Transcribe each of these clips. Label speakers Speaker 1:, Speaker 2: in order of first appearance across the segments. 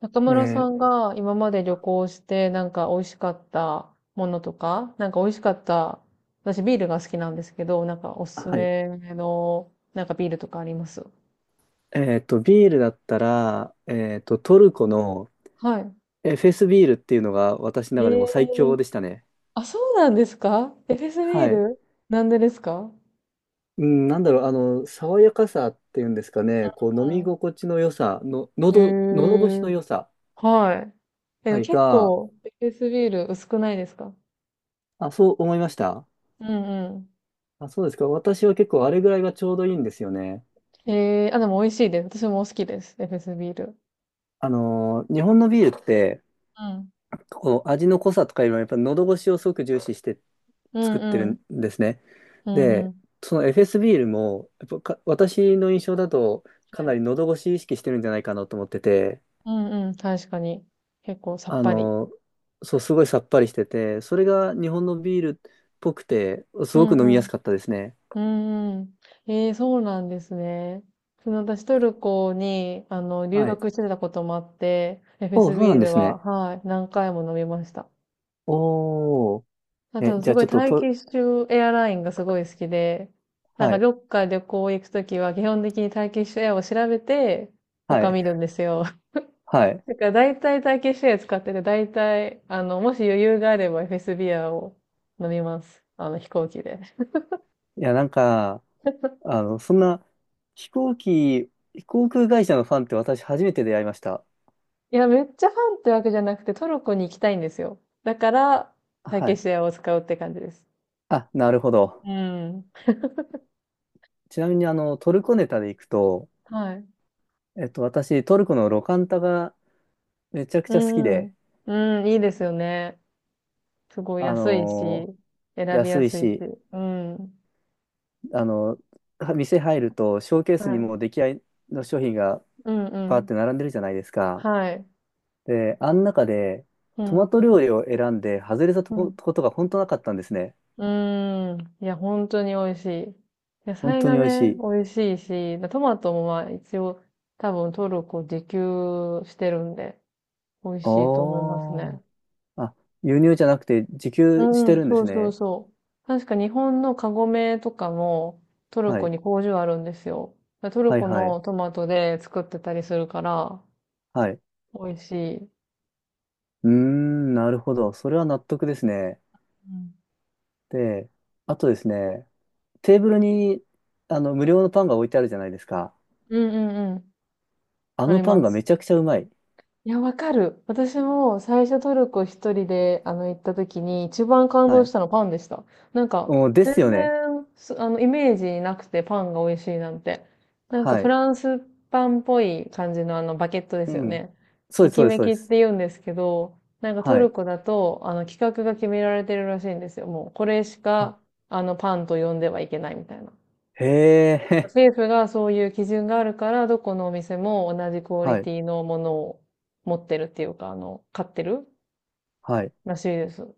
Speaker 1: 中
Speaker 2: え
Speaker 1: 村さ
Speaker 2: ー
Speaker 1: んが今まで旅行してなんか美味しかったものとか、なんか美味しかった、私ビールが好きなんですけど、なんかおすす
Speaker 2: はい。
Speaker 1: めのなんかビールとかあります？
Speaker 2: ビールだったら、トルコの
Speaker 1: は
Speaker 2: フェスビールっていうのが私の
Speaker 1: い。
Speaker 2: 中でも最強でしたね。
Speaker 1: あ、そうなんですか？エフェスビー
Speaker 2: はい。
Speaker 1: ルなんでですか？
Speaker 2: うん、なんだろう、爽やかさっていうんですかね、こう、飲み心地の良さ、の、
Speaker 1: うん。
Speaker 2: 喉越し
Speaker 1: へ
Speaker 2: の
Speaker 1: ー、
Speaker 2: 良さ、
Speaker 1: はい。
Speaker 2: は
Speaker 1: え、
Speaker 2: い、
Speaker 1: 結
Speaker 2: が、
Speaker 1: 構エフェスビール薄くないですか？
Speaker 2: あ、そう思いました。
Speaker 1: うんう
Speaker 2: あ、そうですか。私は結構あれぐらいがちょうどいいんですよね。
Speaker 1: ん。あ、でも美味しいです。私も好きです。エフェスビール。
Speaker 2: 日本のビールって、
Speaker 1: うん。
Speaker 2: こう、味の濃さとかいうのはやっぱ喉越しをすごく重視して
Speaker 1: う
Speaker 2: 作
Speaker 1: ん
Speaker 2: って
Speaker 1: う
Speaker 2: る
Speaker 1: ん。
Speaker 2: んですね。
Speaker 1: うんう
Speaker 2: で、
Speaker 1: ん。
Speaker 2: その FS ビールも、やっぱか私の印象だと、かなり喉越し意識してるんじゃないかなと思ってて、
Speaker 1: うんうん、確かに。結構さっ
Speaker 2: あ
Speaker 1: ぱり。
Speaker 2: の、そう、すごいさっぱりしてて、それが日本のビールっぽくて、す
Speaker 1: う
Speaker 2: ごく飲み
Speaker 1: んう
Speaker 2: や
Speaker 1: ん。
Speaker 2: すかったですね。
Speaker 1: うんうん。ええ、そうなんですね。その、私トルコに、留
Speaker 2: はい。
Speaker 1: 学してたこともあって、エフェ
Speaker 2: おお、
Speaker 1: ス
Speaker 2: そう
Speaker 1: ビ
Speaker 2: なん
Speaker 1: ー
Speaker 2: で
Speaker 1: ル
Speaker 2: す
Speaker 1: は、
Speaker 2: ね。
Speaker 1: はい、何回も飲みました。
Speaker 2: おお、
Speaker 1: あ
Speaker 2: え、
Speaker 1: と、
Speaker 2: じゃ
Speaker 1: す
Speaker 2: あ
Speaker 1: ご
Speaker 2: ち
Speaker 1: い
Speaker 2: ょっ
Speaker 1: タ
Speaker 2: と
Speaker 1: ーキ
Speaker 2: と、
Speaker 1: ッシュエアラインがすごい好きで、なん
Speaker 2: は
Speaker 1: か
Speaker 2: い、
Speaker 1: どっか旅行行くときは基本的にターキッシュエアを調べて、
Speaker 2: は
Speaker 1: 他
Speaker 2: い、
Speaker 1: 見るんですよ。
Speaker 2: はい。
Speaker 1: だから大体ターキッシュエア使ってて、大体、もし余裕があればエフェスビーアを飲みます。飛行機で。
Speaker 2: いや、なんか、そんな、飛行機、航空会社のファンって私初めて出会いました。
Speaker 1: いや、めっちゃファンってわけじゃなくて、トルコに行きたいんですよ。だから、ターキ
Speaker 2: は
Speaker 1: ッ
Speaker 2: い。
Speaker 1: シュエアを使うって感じです。
Speaker 2: あ、なるほど。
Speaker 1: うん。
Speaker 2: ちなみにトルコネタでいくと、
Speaker 1: はい。
Speaker 2: 私、トルコのロカンタがめちゃく
Speaker 1: う
Speaker 2: ちゃ好きで、
Speaker 1: んうん。いいですよね。すごい
Speaker 2: あ
Speaker 1: 安いし、
Speaker 2: の
Speaker 1: 選びや
Speaker 2: 安い
Speaker 1: すいし。
Speaker 2: し、
Speaker 1: うん。
Speaker 2: あの店入ると、ショーケース
Speaker 1: は
Speaker 2: に
Speaker 1: い。
Speaker 2: もう出来合いの商品が
Speaker 1: うんう
Speaker 2: バーっ
Speaker 1: ん。
Speaker 2: て並んでるじゃないですか。
Speaker 1: はい。
Speaker 2: で、あん中で、
Speaker 1: う
Speaker 2: トマ
Speaker 1: ん。
Speaker 2: ト料理を選んで、外れたと
Speaker 1: う
Speaker 2: こ
Speaker 1: ん。
Speaker 2: ことが本当なかったんですね。
Speaker 1: うーん。いや、本当に美味しい。野
Speaker 2: 本
Speaker 1: 菜
Speaker 2: 当
Speaker 1: が
Speaker 2: に美味し
Speaker 1: ね、
Speaker 2: い。
Speaker 1: 美味しいし、トマトもまあ一応多分トルコ自給してるんで、美味
Speaker 2: あ
Speaker 1: しいと思います
Speaker 2: ー
Speaker 1: ね。
Speaker 2: あ、輸入じゃなくて、自給し
Speaker 1: う
Speaker 2: て
Speaker 1: ん、
Speaker 2: るんで
Speaker 1: そ
Speaker 2: す
Speaker 1: うそう
Speaker 2: ね。
Speaker 1: そう。確か日本のカゴメとかもトル
Speaker 2: は
Speaker 1: コ
Speaker 2: い。
Speaker 1: に工場あるんですよ。だからトル
Speaker 2: はい
Speaker 1: コ
Speaker 2: は
Speaker 1: の
Speaker 2: い。
Speaker 1: トマトで作ってたりするから、
Speaker 2: はい。
Speaker 1: 美味しい。
Speaker 2: うーん、なるほど。それは納得ですね。
Speaker 1: うん
Speaker 2: で、あとですね、テーブルにあの無料のパンが置いてあるじゃないですか。
Speaker 1: うんうんうん。
Speaker 2: あ
Speaker 1: あ
Speaker 2: の
Speaker 1: り
Speaker 2: パン
Speaker 1: ま
Speaker 2: がめ
Speaker 1: す。
Speaker 2: ちゃくちゃうまい。
Speaker 1: いや、わかる。私も最初トルコ一人で、行った時に一番感
Speaker 2: は
Speaker 1: 動し
Speaker 2: い。
Speaker 1: たのパンでした。なんか、
Speaker 2: うん、で
Speaker 1: 全
Speaker 2: すよね。
Speaker 1: 然、すあの、イメージなくてパンが美味しいなんて。なんか
Speaker 2: は
Speaker 1: フ
Speaker 2: い。
Speaker 1: ランスパンっぽい感じのバケットで
Speaker 2: う
Speaker 1: すよ
Speaker 2: ん。
Speaker 1: ね。
Speaker 2: そう
Speaker 1: エ
Speaker 2: です、そ
Speaker 1: キ
Speaker 2: うです、
Speaker 1: メ
Speaker 2: そう
Speaker 1: キ
Speaker 2: で
Speaker 1: って
Speaker 2: す。
Speaker 1: 言うんですけど、なんかト
Speaker 2: は
Speaker 1: ル
Speaker 2: い。
Speaker 1: コだと、規格が決められてるらしいんですよ。もう、これし
Speaker 2: あ、
Speaker 1: か、パンと呼んではいけないみたいな。
Speaker 2: へえ、
Speaker 1: 政府がそういう基準があるから、どこのお店も同じク オリ
Speaker 2: はい、
Speaker 1: ティのものを持ってるっていうか、買ってる
Speaker 2: はい。
Speaker 1: らしいです。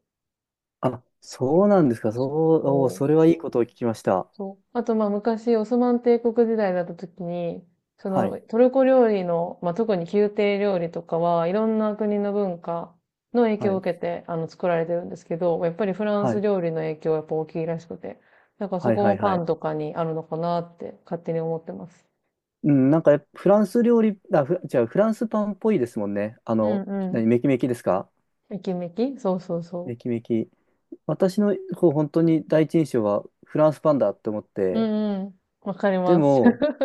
Speaker 2: あ、そうなんですか。そ
Speaker 1: そう
Speaker 2: う、おー、
Speaker 1: そう。
Speaker 2: それはいいことを聞きました。
Speaker 1: そう。あと、まあ、昔、オスマン帝国時代だった時に、そ
Speaker 2: はい、
Speaker 1: の、トルコ料理の、まあ、特に宮廷料理とかは、いろんな国の文化の影
Speaker 2: は
Speaker 1: 響を
Speaker 2: い、
Speaker 1: 受けて、作られてるんですけど、やっぱりフラン
Speaker 2: は
Speaker 1: ス
Speaker 2: い、
Speaker 1: 料理の影響はやっぱ大きいらしくて、だからそ
Speaker 2: はい、
Speaker 1: こ
Speaker 2: は
Speaker 1: も
Speaker 2: い、は
Speaker 1: パンと
Speaker 2: い。
Speaker 1: かにあるのかなって勝手に思ってます。
Speaker 2: うん、なんかフランス料理、あ、じゃあフランスパンっぽいですもんね。
Speaker 1: うんう
Speaker 2: 何、
Speaker 1: ん。
Speaker 2: メキメキですか。
Speaker 1: めきめき、そうそうそう。
Speaker 2: メキメキ。私のこう本当に第一印象はフランスパンだって思っ
Speaker 1: う
Speaker 2: て、
Speaker 1: んうん。わかり
Speaker 2: で
Speaker 1: ます。
Speaker 2: も、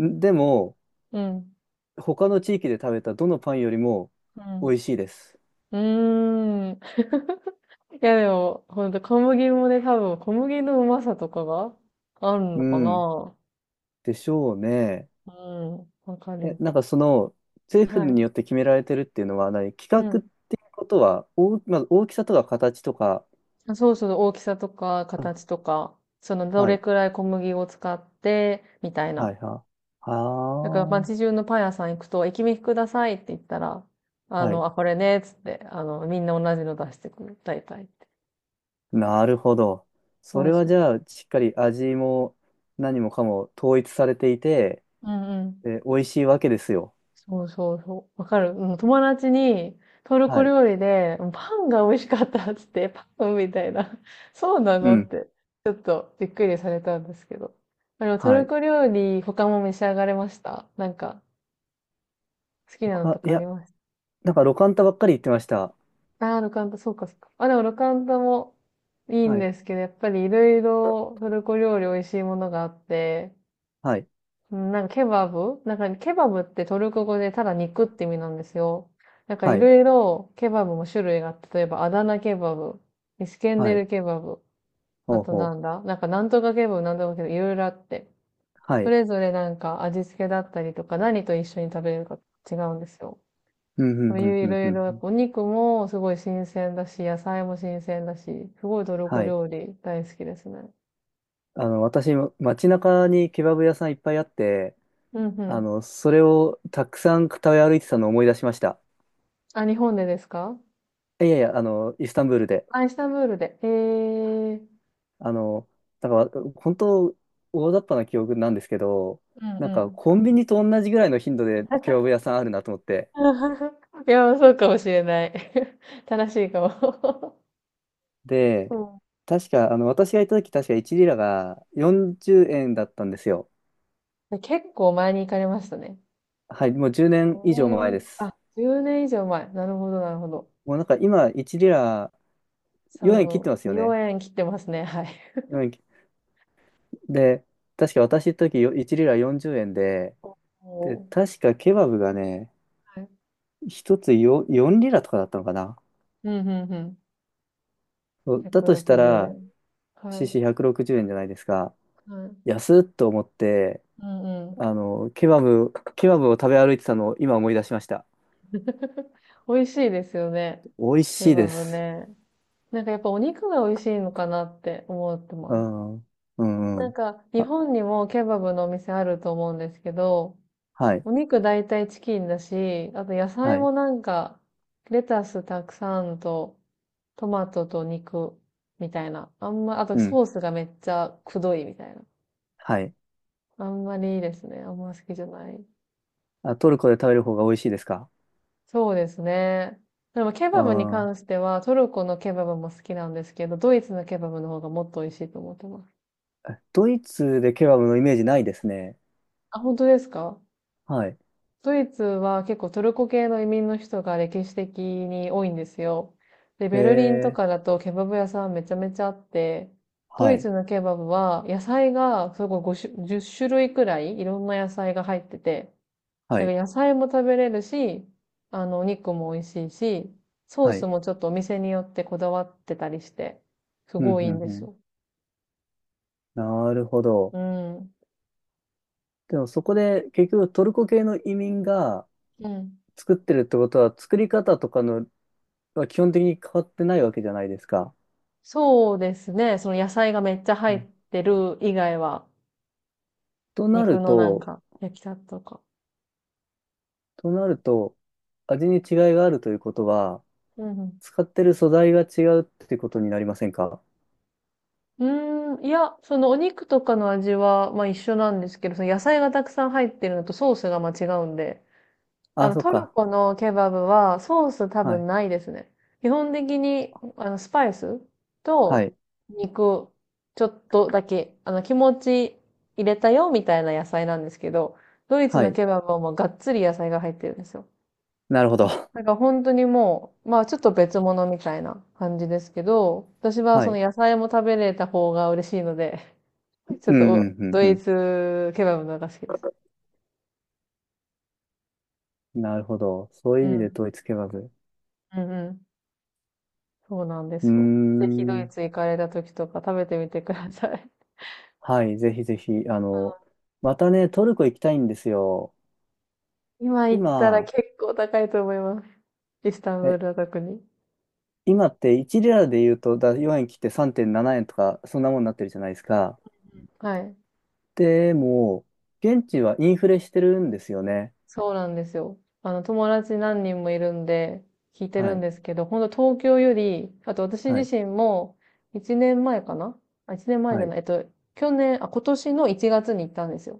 Speaker 2: んでも、
Speaker 1: うん。
Speaker 2: 他の地域で食べたどのパンよりも
Speaker 1: う
Speaker 2: 美味
Speaker 1: ん。
Speaker 2: しいです。
Speaker 1: うーん。いやでも、ほんと小麦もね、多分小麦のうまさとかがある
Speaker 2: う
Speaker 1: のか
Speaker 2: ん。
Speaker 1: な。
Speaker 2: でしょうね。
Speaker 1: うん。わか
Speaker 2: え、
Speaker 1: る。
Speaker 2: なんか政府
Speaker 1: は
Speaker 2: に
Speaker 1: い。
Speaker 2: よって決められてるっていうのは何、規
Speaker 1: う
Speaker 2: 格っ
Speaker 1: ん。
Speaker 2: ていうことは、まず大きさとか形とか、
Speaker 1: あ、そうそう、大きさとか
Speaker 2: あ、
Speaker 1: 形とか、そのど
Speaker 2: は
Speaker 1: れ
Speaker 2: い、
Speaker 1: くらい小麦を使って、みたい
Speaker 2: は
Speaker 1: な。
Speaker 2: い、は、
Speaker 1: だから
Speaker 2: は
Speaker 1: 街中のパン屋さん行くと、駅弁くださいって言ったら、
Speaker 2: あ、はい。
Speaker 1: あ、これね、つって、みんな同じの出してくる。大体。
Speaker 2: なるほど。そ
Speaker 1: そう
Speaker 2: れは
Speaker 1: そう。
Speaker 2: じゃあ、しっかり味も何もかも統一されていて、
Speaker 1: うんうん。
Speaker 2: で、美味しいわけですよ。
Speaker 1: そうそうそう。わかる。うん、友達に、トル
Speaker 2: は
Speaker 1: コ
Speaker 2: い。
Speaker 1: 料理で、パンが美味しかったっつって、パンみたいな。そうな
Speaker 2: う
Speaker 1: のっ
Speaker 2: ん。
Speaker 1: て、ちょっとびっくりされたんですけど。ト
Speaker 2: は
Speaker 1: ル
Speaker 2: い。
Speaker 1: コ料理、他も召し上がれました？なんか、好きなのと
Speaker 2: い
Speaker 1: かあり
Speaker 2: や、
Speaker 1: ます？
Speaker 2: なんか、ロカンタばっかり言ってました。
Speaker 1: ああー、ロカンタ、そうか、そうか。あ、でもロカンタもいい
Speaker 2: は
Speaker 1: ん
Speaker 2: い。
Speaker 1: ですけど、やっぱりいろいろトルコ料理美味しいものがあって、
Speaker 2: はい。
Speaker 1: うん、なんかケバブ、なんかケバブってトルコ語でただ肉って意味なんですよ。なんかい
Speaker 2: はい。
Speaker 1: ろいろケバブも種類があって、例えばアダナケバブ、イスケンデ
Speaker 2: はい。
Speaker 1: ルケバブ、
Speaker 2: ほ
Speaker 1: あ
Speaker 2: う
Speaker 1: と
Speaker 2: ほ
Speaker 1: なん
Speaker 2: う。
Speaker 1: だ、なんかなんとかケバブ、なんとかケバブ、いろいろあって。
Speaker 2: は
Speaker 1: そ
Speaker 2: い。
Speaker 1: れぞれなんか味付けだったりとか何と一緒に食べるか違うんですよ。
Speaker 2: うん、う
Speaker 1: そう
Speaker 2: ん、うん、
Speaker 1: いうい
Speaker 2: うん、
Speaker 1: ろ
Speaker 2: う
Speaker 1: い
Speaker 2: ん
Speaker 1: ろ、や
Speaker 2: う
Speaker 1: っ
Speaker 2: ん。
Speaker 1: ぱお肉もすごい新鮮だし、野菜も新鮮だし、すごいトルコ
Speaker 2: はい。
Speaker 1: 料理大好きですね。
Speaker 2: 私、街中にケバブ屋さんいっぱいあって、
Speaker 1: うんうん。
Speaker 2: それをたくさん食べ歩いてたのを思い出しました。
Speaker 1: あ、日本でですか？
Speaker 2: いやいや、イスタンブールで。
Speaker 1: あ、イスタンブールで。えー。
Speaker 2: あの、だから、本当、大雑把な記憶なんですけど、
Speaker 1: うん
Speaker 2: なん
Speaker 1: う
Speaker 2: か、
Speaker 1: ん。
Speaker 2: コンビニと同じぐらいの頻度でケバブ 屋さんあるなと思って。
Speaker 1: いや、そうかもしれない。正しいか
Speaker 2: で、
Speaker 1: も。
Speaker 2: 確か、私がいた時、確か1リラが40円だったんですよ。
Speaker 1: うん。結構前に行かれましたね。
Speaker 2: はい、もう10年以
Speaker 1: 5
Speaker 2: 上も前で
Speaker 1: 年、
Speaker 2: す。
Speaker 1: あ、10年以上前。なるほど、なるほど。
Speaker 2: もうなんか今、1リラ4円切って
Speaker 1: そ
Speaker 2: ます
Speaker 1: う、
Speaker 2: よね。
Speaker 1: 4円切ってますね。はい。
Speaker 2: よえん切で、確か私の時、1リラ40円で、
Speaker 1: お
Speaker 2: で、
Speaker 1: お。
Speaker 2: 確かケバブがね、
Speaker 1: はい。
Speaker 2: 1つ4リラとかだったのかな。
Speaker 1: うん、うん、うん。
Speaker 2: そうだとした
Speaker 1: 160
Speaker 2: ら、
Speaker 1: 円。はい。
Speaker 2: CC160 円じゅうえんじゃないですか。
Speaker 1: はい。
Speaker 2: 安っと思って、
Speaker 1: うんうん。
Speaker 2: ケバブを食べ歩いてたのを今思い出しました。
Speaker 1: 美味しいですよね。
Speaker 2: 美味
Speaker 1: ケ
Speaker 2: しい
Speaker 1: バ
Speaker 2: で
Speaker 1: ブ
Speaker 2: す。
Speaker 1: ね。なんかやっぱお肉が美味しいのかなって思って
Speaker 2: う
Speaker 1: ます。
Speaker 2: ん。うんう
Speaker 1: なん
Speaker 2: ん。
Speaker 1: か、日
Speaker 2: あ、
Speaker 1: 本にもケバブのお店あると思うんですけど、
Speaker 2: はい。
Speaker 1: お肉大体チキンだし、あと野菜
Speaker 2: はい。
Speaker 1: もなんか、レタスたくさんと、トマトと肉みたいな。あんま、あと
Speaker 2: うん。
Speaker 1: ソースがめっちゃくどいみたいな。
Speaker 2: はい。
Speaker 1: あんまりいいですね。あんま好きじゃない。
Speaker 2: あ、トルコで食べる方が美味しいですか。
Speaker 1: そうですね。でもケ
Speaker 2: う
Speaker 1: バブに
Speaker 2: ん。
Speaker 1: 関しては、トルコのケバブも好きなんですけど、ドイツのケバブの方がもっと美味しいと思ってます。
Speaker 2: ドイツでケバブのイメージないですね。
Speaker 1: あ、本当ですか？
Speaker 2: はい。
Speaker 1: ドイツは結構トルコ系の移民の人が歴史的に多いんですよ。で、
Speaker 2: へ
Speaker 1: ベルリンと
Speaker 2: え。
Speaker 1: かだとケバブ屋さんめちゃめちゃあって、ド
Speaker 2: は
Speaker 1: イ
Speaker 2: い。
Speaker 1: ツのケバブは野菜がすごい5種、10種類くらいいろんな野菜が入ってて、
Speaker 2: は
Speaker 1: だか
Speaker 2: い。
Speaker 1: ら野菜も食べれるし、お肉も美味しいし、ソー
Speaker 2: は
Speaker 1: ス
Speaker 2: い。
Speaker 1: もちょっとお店によってこだわってたりして、す
Speaker 2: うん、
Speaker 1: ごい
Speaker 2: う
Speaker 1: いいん
Speaker 2: ん、
Speaker 1: で
Speaker 2: う
Speaker 1: す
Speaker 2: ん。
Speaker 1: よ。
Speaker 2: なるほど。
Speaker 1: うん。
Speaker 2: でもそこで結局トルコ系の移民が
Speaker 1: うん。
Speaker 2: 作ってるってことは作り方とかのは基本的に変わってないわけじゃないですか。
Speaker 1: そうですね。その野菜がめっちゃ
Speaker 2: う
Speaker 1: 入っ
Speaker 2: ん。
Speaker 1: てる以外は、
Speaker 2: とな
Speaker 1: 肉
Speaker 2: る
Speaker 1: のなん
Speaker 2: と、
Speaker 1: か、焼きたてとか。
Speaker 2: となると味に違いがあるということは、
Speaker 1: うん
Speaker 2: 使ってる素材が違うってことになりませんか。
Speaker 1: うん。うーん、いや、そのお肉とかの味は、まあ一緒なんですけど、その野菜がたくさん入ってるのとソースがまあ違うんで、
Speaker 2: あ、そっ
Speaker 1: トル
Speaker 2: か。
Speaker 1: コのケバブはソース多
Speaker 2: は
Speaker 1: 分
Speaker 2: い。
Speaker 1: ないですね。基本的に、スパイス
Speaker 2: は
Speaker 1: と
Speaker 2: い。
Speaker 1: 肉、ちょっとだけ、気持ち入れたよみたいな野菜なんですけど、ドイツ
Speaker 2: は
Speaker 1: の
Speaker 2: い。
Speaker 1: ケバブはもうがっつり野菜が入ってるんですよ。
Speaker 2: なるほど。
Speaker 1: なんか本当にもう、まあちょっと別物みたいな感じですけど、私は
Speaker 2: は
Speaker 1: その
Speaker 2: い。
Speaker 1: 野菜も食べれた方が嬉しいので、
Speaker 2: うん、
Speaker 1: ちょ
Speaker 2: う
Speaker 1: っとお
Speaker 2: ん、
Speaker 1: ド
Speaker 2: うん、
Speaker 1: イ
Speaker 2: う
Speaker 1: ツケバブの方が好きです。
Speaker 2: ん。なるほど。そうい
Speaker 1: う
Speaker 2: う意味で
Speaker 1: ん。
Speaker 2: 統一ケバブ。
Speaker 1: うんうん。そうなんで
Speaker 2: うー
Speaker 1: すよ。ぜひドイ
Speaker 2: ん。
Speaker 1: ツ行かれた時とか食べてみてください。
Speaker 2: はい。ぜひぜひ。またね、トルコ行きたいんですよ。
Speaker 1: 今行ったら
Speaker 2: 今、
Speaker 1: 結構高いと思います。イスタンブー
Speaker 2: え、
Speaker 1: ルは特に。
Speaker 2: 今って1リラで言うと、4円切って3.7円とか、そんなもんになってるじゃないですか。
Speaker 1: はい。
Speaker 2: でも、現地はインフレしてるんですよね。
Speaker 1: そうなんですよ。友達何人もいるんで、聞いて
Speaker 2: は
Speaker 1: るん
Speaker 2: い。
Speaker 1: ですけど、本当東京より、あと私
Speaker 2: はい。
Speaker 1: 自身も、1年前かなあ、1年前じ
Speaker 2: は
Speaker 1: ゃ
Speaker 2: い。
Speaker 1: ない、去年、あ、今年の1月に行ったんですよ。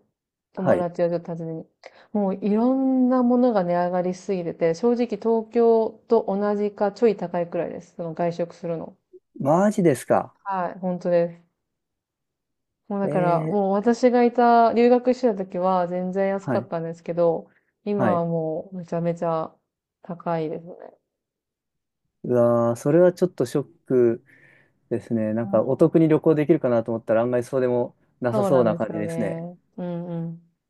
Speaker 2: は
Speaker 1: 友
Speaker 2: い。
Speaker 1: 達をちょっと訪ねに。もういろんなものが値上がりしすぎてて、正直東京と同じかちょい高いくらいです。その外食するの。
Speaker 2: マジですか。
Speaker 1: はい、本当です。もうだから、
Speaker 2: え
Speaker 1: もう
Speaker 2: え、
Speaker 1: 私がいた、留学してた時は全然安
Speaker 2: は
Speaker 1: かっ
Speaker 2: い、
Speaker 1: たんですけど、
Speaker 2: は
Speaker 1: 今
Speaker 2: い。
Speaker 1: はもうめちゃめちゃ高いですね。
Speaker 2: うわー、それはちょっとショックですね。な
Speaker 1: う
Speaker 2: んかお
Speaker 1: ん、
Speaker 2: 得に旅行できるかなと思ったら案外そうでもなさ
Speaker 1: そう
Speaker 2: そ
Speaker 1: な
Speaker 2: う
Speaker 1: ん
Speaker 2: な
Speaker 1: です
Speaker 2: 感じ
Speaker 1: よ
Speaker 2: ですね。
Speaker 1: ね。うんうん